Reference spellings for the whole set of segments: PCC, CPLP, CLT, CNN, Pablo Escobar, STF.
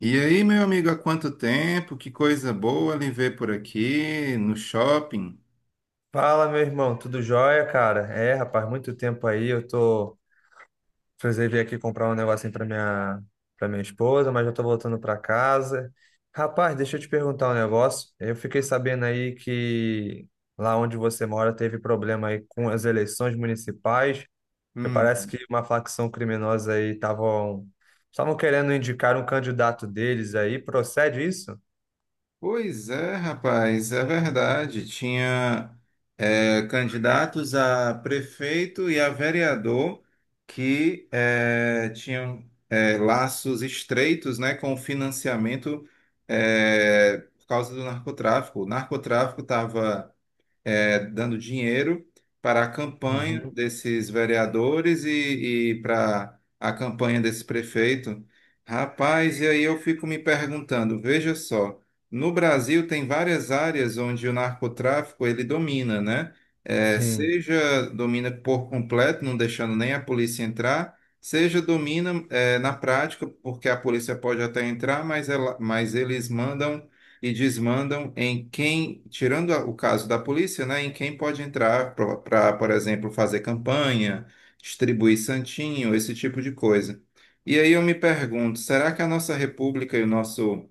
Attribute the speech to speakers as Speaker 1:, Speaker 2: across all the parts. Speaker 1: E aí, meu amigo, há quanto tempo? Que coisa boa lhe ver por aqui no shopping.
Speaker 2: Fala, meu irmão, tudo jóia, cara? É, rapaz, muito tempo aí, eu tô. Precisei vir aqui comprar um negocinho pra minha esposa, mas já tô voltando pra casa. Rapaz, deixa eu te perguntar um negócio. Eu fiquei sabendo aí que lá onde você mora teve problema aí com as eleições municipais, que parece
Speaker 1: Hum.
Speaker 2: que uma facção criminosa aí estavam querendo indicar um candidato deles aí. Procede isso?
Speaker 1: Pois é, rapaz, é verdade. Tinha candidatos a prefeito e a vereador que tinham laços estreitos, né, com o financiamento por causa do narcotráfico. O narcotráfico estava dando dinheiro para a campanha
Speaker 2: Uhum.
Speaker 1: desses vereadores e para a campanha desse prefeito. Rapaz, e aí eu fico me perguntando, veja só, no Brasil tem várias áreas onde o narcotráfico ele domina, né? É,
Speaker 2: Sim.
Speaker 1: seja domina por completo, não deixando nem a polícia entrar, seja domina na prática, porque a polícia pode até entrar, mas, ela, mas eles mandam e desmandam em quem, tirando o caso da polícia, né, em quem pode entrar para, por exemplo, fazer campanha, distribuir santinho, esse tipo de coisa. E aí eu me pergunto, será que a nossa república e o nosso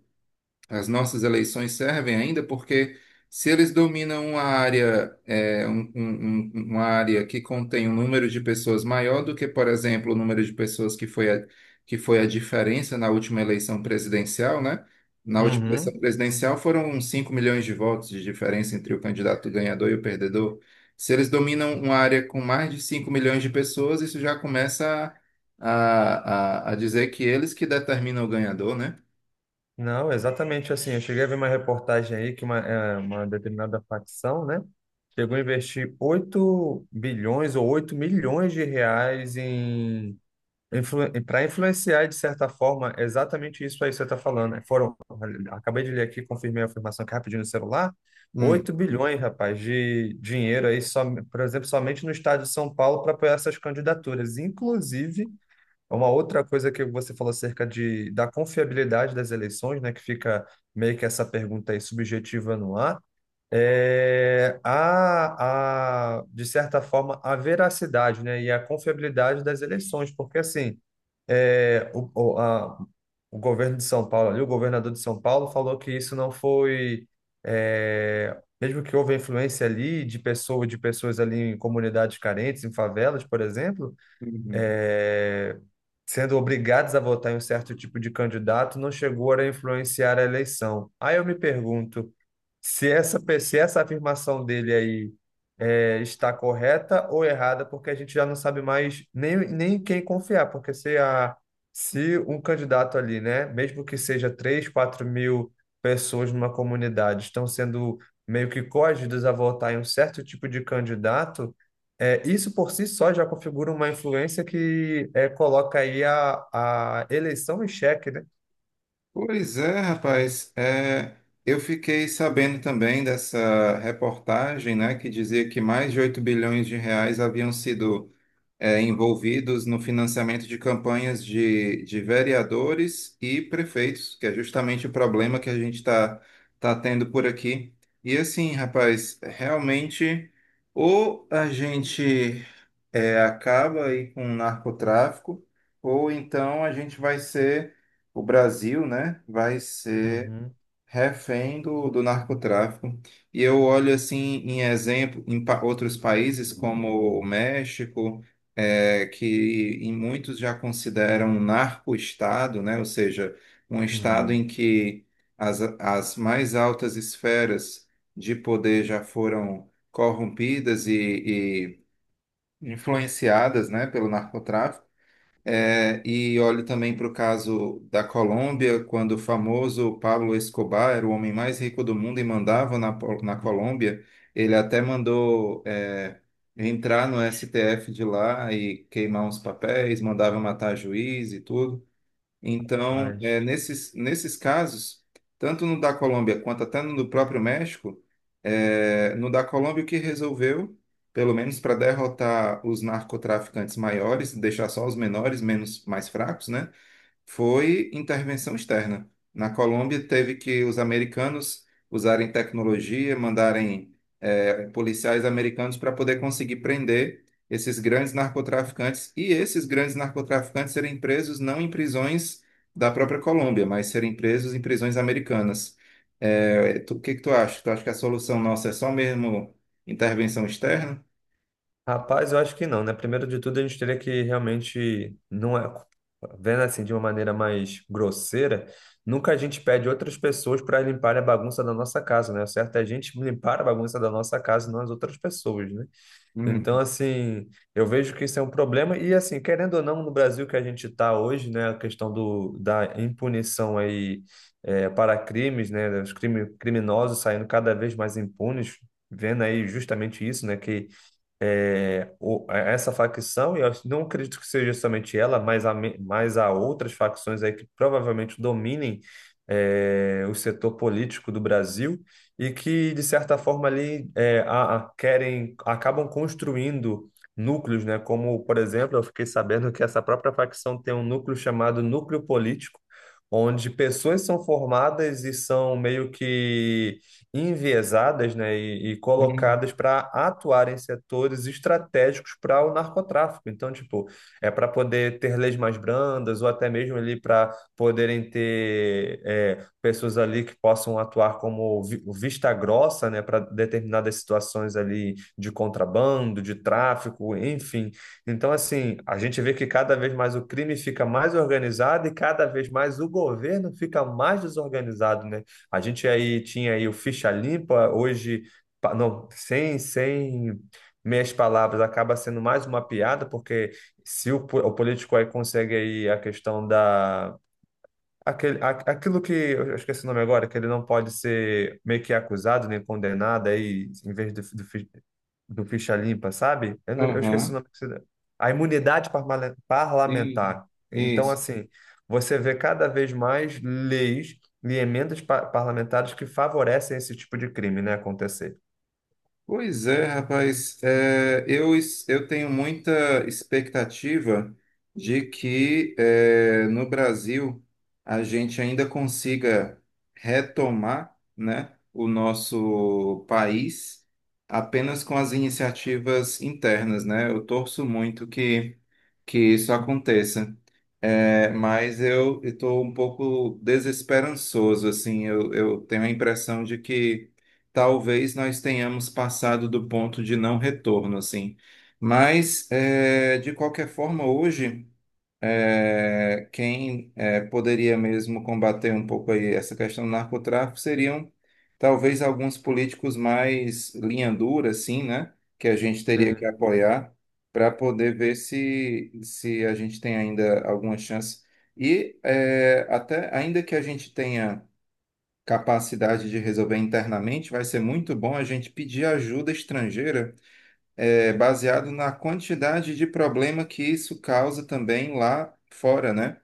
Speaker 1: as nossas eleições servem ainda porque se eles dominam uma área, é, uma área que contém um número de pessoas maior do que, por exemplo, o número de pessoas que foi a diferença na última eleição presidencial, né? Na última eleição
Speaker 2: Uhum.
Speaker 1: presidencial foram uns 5 milhões de votos de diferença entre o candidato ganhador e o perdedor. Se eles dominam uma área com mais de 5 milhões de pessoas, isso já começa a dizer que eles que determinam o ganhador, né?
Speaker 2: Não, exatamente assim. Eu cheguei a ver uma reportagem aí que uma determinada facção, né, chegou a investir 8 bilhões ou 8 milhões de reais para influenciar, de certa forma, exatamente isso aí que você está falando, né? Acabei de ler aqui, confirmei a afirmação aqui rapidinho no celular.
Speaker 1: Hum.
Speaker 2: 8 bilhões, rapaz, de dinheiro aí, só, por exemplo, somente no estado de São Paulo para apoiar essas candidaturas. Inclusive uma outra coisa que você falou acerca da confiabilidade das eleições, né, que fica meio que essa pergunta aí subjetiva no ar, de certa forma, a veracidade, né, e a confiabilidade das eleições, porque assim, é, o, o, a, o governo de São Paulo ali, o governador de São Paulo falou que isso não foi, é, mesmo que houve influência ali de pessoas ali em comunidades carentes, em favelas, por exemplo,
Speaker 1: Uhum.
Speaker 2: é, sendo obrigados a votar em um certo tipo de candidato, não chegou a influenciar a eleição. Aí eu me pergunto se essa afirmação dele aí está correta ou errada, porque a gente já não sabe mais nem quem confiar, porque se um candidato ali, né, mesmo que seja 3 4 mil pessoas numa comunidade, estão sendo meio que coagidas a votar em um certo tipo de candidato. Isso por si só já configura uma influência que coloca aí a eleição em xeque, né?
Speaker 1: Pois é, rapaz. É, eu fiquei sabendo também dessa reportagem, né, que dizia que mais de 8 bilhões de reais haviam sido, envolvidos no financiamento de campanhas de vereadores e prefeitos, que é justamente o problema que a gente está tá tendo por aqui. E assim, rapaz, realmente, ou a gente acaba aí com o narcotráfico, ou então a gente vai ser, o Brasil, né, vai ser
Speaker 2: Uhum,
Speaker 1: refém do narcotráfico. E eu olho assim em exemplo em outros países como o México, é, que em muitos já consideram um narco-estado, né, ou seja, um estado
Speaker 2: uhum.
Speaker 1: em que as mais altas esferas de poder já foram corrompidas e influenciadas, né, pelo narcotráfico. É, e olhe também para o caso da Colômbia, quando o famoso Pablo Escobar era o homem mais rico do mundo e mandava na, na Colômbia. Ele até mandou, é, entrar no STF de lá e queimar uns papéis, mandava matar juiz e tudo. Então, é,
Speaker 2: Mas.
Speaker 1: nesses casos, tanto no da Colômbia quanto até no do próprio México, é, no da Colômbia o que resolveu, pelo menos para derrotar os narcotraficantes maiores, deixar só os menores, menos mais fracos, né? Foi intervenção externa. Na Colômbia, teve que os americanos usarem tecnologia, mandarem policiais americanos para poder conseguir prender esses grandes narcotraficantes e esses grandes narcotraficantes serem presos não em prisões da própria Colômbia, mas serem presos em prisões americanas. O que que tu acha? Tu acha que a solução nossa é só mesmo intervenção externa?
Speaker 2: Rapaz, eu acho que não, né? Primeiro de tudo, a gente teria que realmente, não é, vendo assim de uma maneira mais grosseira, nunca a gente pede outras pessoas para limpar a bagunça da nossa casa, né? O certo é a gente limpar a bagunça da nossa casa, não as outras pessoas, né? Então,
Speaker 1: Hum.
Speaker 2: assim, eu vejo que isso é um problema e, assim, querendo ou não, no Brasil que a gente está hoje, né, a questão da impunição aí para crimes, né, os criminosos saindo cada vez mais impunes, vendo aí justamente isso, né, que essa facção, e eu não acredito que seja somente ela, mas há outras facções aí que provavelmente dominem o setor político do Brasil e que, de certa forma, ali acabam construindo núcleos, né? Como, por exemplo, eu fiquei sabendo que essa própria facção tem um núcleo chamado núcleo político, onde pessoas são formadas e são meio que enviesadas, né, e
Speaker 1: Hum.
Speaker 2: colocadas para atuar em setores estratégicos para o narcotráfico. Então, tipo, é para poder ter leis mais brandas ou até mesmo ali para poderem ter pessoas ali que possam atuar como vista grossa, né, para determinadas situações ali de contrabando, de tráfico, enfim. Então, assim, a gente vê que cada vez mais o crime fica mais organizado e cada vez mais o governo fica mais desorganizado, né? A gente aí tinha aí o Ficha Limpa, hoje, não, sem meias palavras, acaba sendo mais uma piada, porque se o político aí consegue aí a questão aquilo que, eu esqueci o nome agora, que ele não pode ser meio que acusado nem condenado aí, em vez do ficha limpa, sabe? Eu, não- eu esqueci o
Speaker 1: Aham.
Speaker 2: nome que deu. A imunidade parmale-
Speaker 1: Sim.
Speaker 2: parlamentar. Então,
Speaker 1: Isso.
Speaker 2: assim, você vê cada vez mais leis e emendas parlamentares que favorecem esse tipo de crime, né, acontecer.
Speaker 1: Pois é, rapaz. É, eu, eu tenho muita expectativa de que no Brasil a gente ainda consiga retomar, né, o nosso país apenas com as iniciativas internas, né? Eu torço muito que isso aconteça. É, mas eu estou um pouco desesperançoso, assim, eu tenho a impressão de que talvez nós tenhamos passado do ponto de não retorno, assim. Mas, é, de qualquer forma, hoje, poderia mesmo combater um pouco aí essa questão do narcotráfico seriam, talvez, alguns políticos mais linha dura, assim, né? Que a gente teria que
Speaker 2: Sim.
Speaker 1: apoiar para poder ver se, se a gente tem ainda alguma chance. E é, até ainda que a gente tenha capacidade de resolver internamente, vai ser muito bom a gente pedir ajuda estrangeira, baseado na quantidade de problema que isso causa também lá fora, né?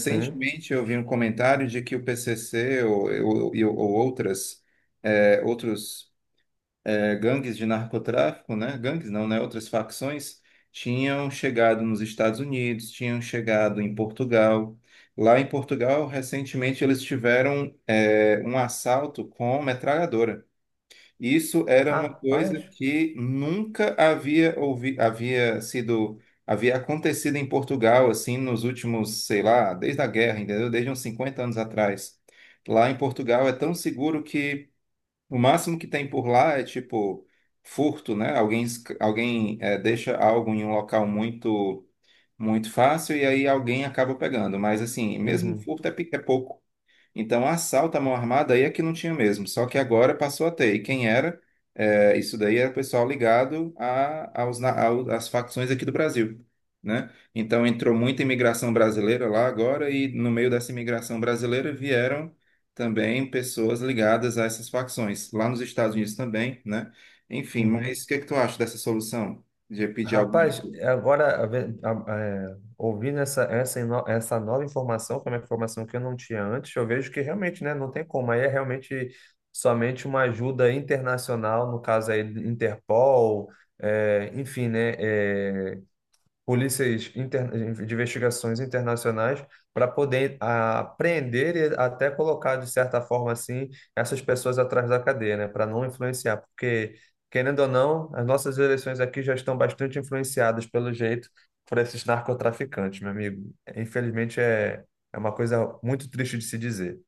Speaker 2: Sim.
Speaker 1: eu vi um comentário de que o PCC ou outras, eh, outros gangues de narcotráfico, né? Gangues não, né? Outras facções tinham chegado nos Estados Unidos, tinham chegado em Portugal. Lá em Portugal, recentemente, eles tiveram um assalto com metralhadora. Isso era uma
Speaker 2: Ah,
Speaker 1: coisa
Speaker 2: paz.
Speaker 1: que nunca havia ouvi havia sido havia acontecido em Portugal assim nos últimos, sei lá, desde a guerra, entendeu? Desde uns 50 anos atrás. Lá em Portugal é tão seguro que o máximo que tem por lá é tipo furto, né? Alguém, alguém deixa algo em um local muito fácil e aí alguém acaba pegando. Mas assim, mesmo
Speaker 2: Uhum.
Speaker 1: furto é, é pouco. Então, assalto à mão armada aí é que não tinha mesmo, só que agora passou a ter. E quem era? É, isso daí era pessoal ligado a, aos, na- ao- às facções aqui do Brasil, né? Então, entrou muita imigração brasileira lá agora e no meio dessa imigração brasileira vieram também pessoas ligadas a essas facções, lá nos Estados Unidos também, né? Enfim,
Speaker 2: Uhum.
Speaker 1: mas o que é que tu acha dessa solução de pedir alguma
Speaker 2: Rapaz,
Speaker 1: ajuda?
Speaker 2: agora a ve- a- é, ouvindo essa nova informação, que é uma informação que eu não tinha antes, eu vejo que realmente, né, não tem como. Aí é realmente somente uma ajuda internacional, no caso aí, Interpol, enfim, né? Polícias de investigações internacionais para poder e até colocar, de certa forma, assim, essas pessoas atrás da cadeia, né? Para não influenciar, porque, querendo ou não, as nossas eleições aqui já estão bastante influenciadas, pelo jeito, por esses narcotraficantes, meu amigo. Infelizmente, é uma coisa muito triste de se dizer.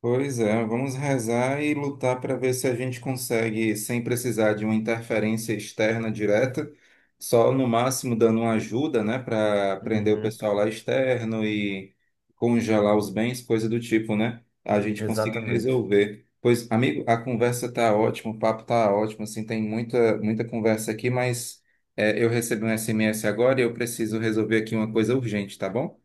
Speaker 1: Pois é, vamos rezar e lutar para ver se a gente consegue, sem precisar de uma interferência externa direta, só no máximo dando uma ajuda, né, para prender o
Speaker 2: Uhum,
Speaker 1: pessoal lá externo e congelar os bens, coisa do tipo, né? A gente conseguir
Speaker 2: exatamente.
Speaker 1: resolver. Pois, amigo, a conversa tá ótima, o papo tá ótimo, assim, tem muita, muita conversa aqui, mas é, eu recebi um SMS agora e eu preciso resolver aqui uma coisa urgente, tá bom?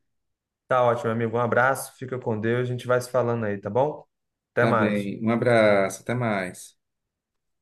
Speaker 2: Tá ótimo, amigo. Um abraço, fica com Deus, a gente vai se falando aí, tá bom? Até
Speaker 1: Tá
Speaker 2: mais.
Speaker 1: bem, um abraço, até mais.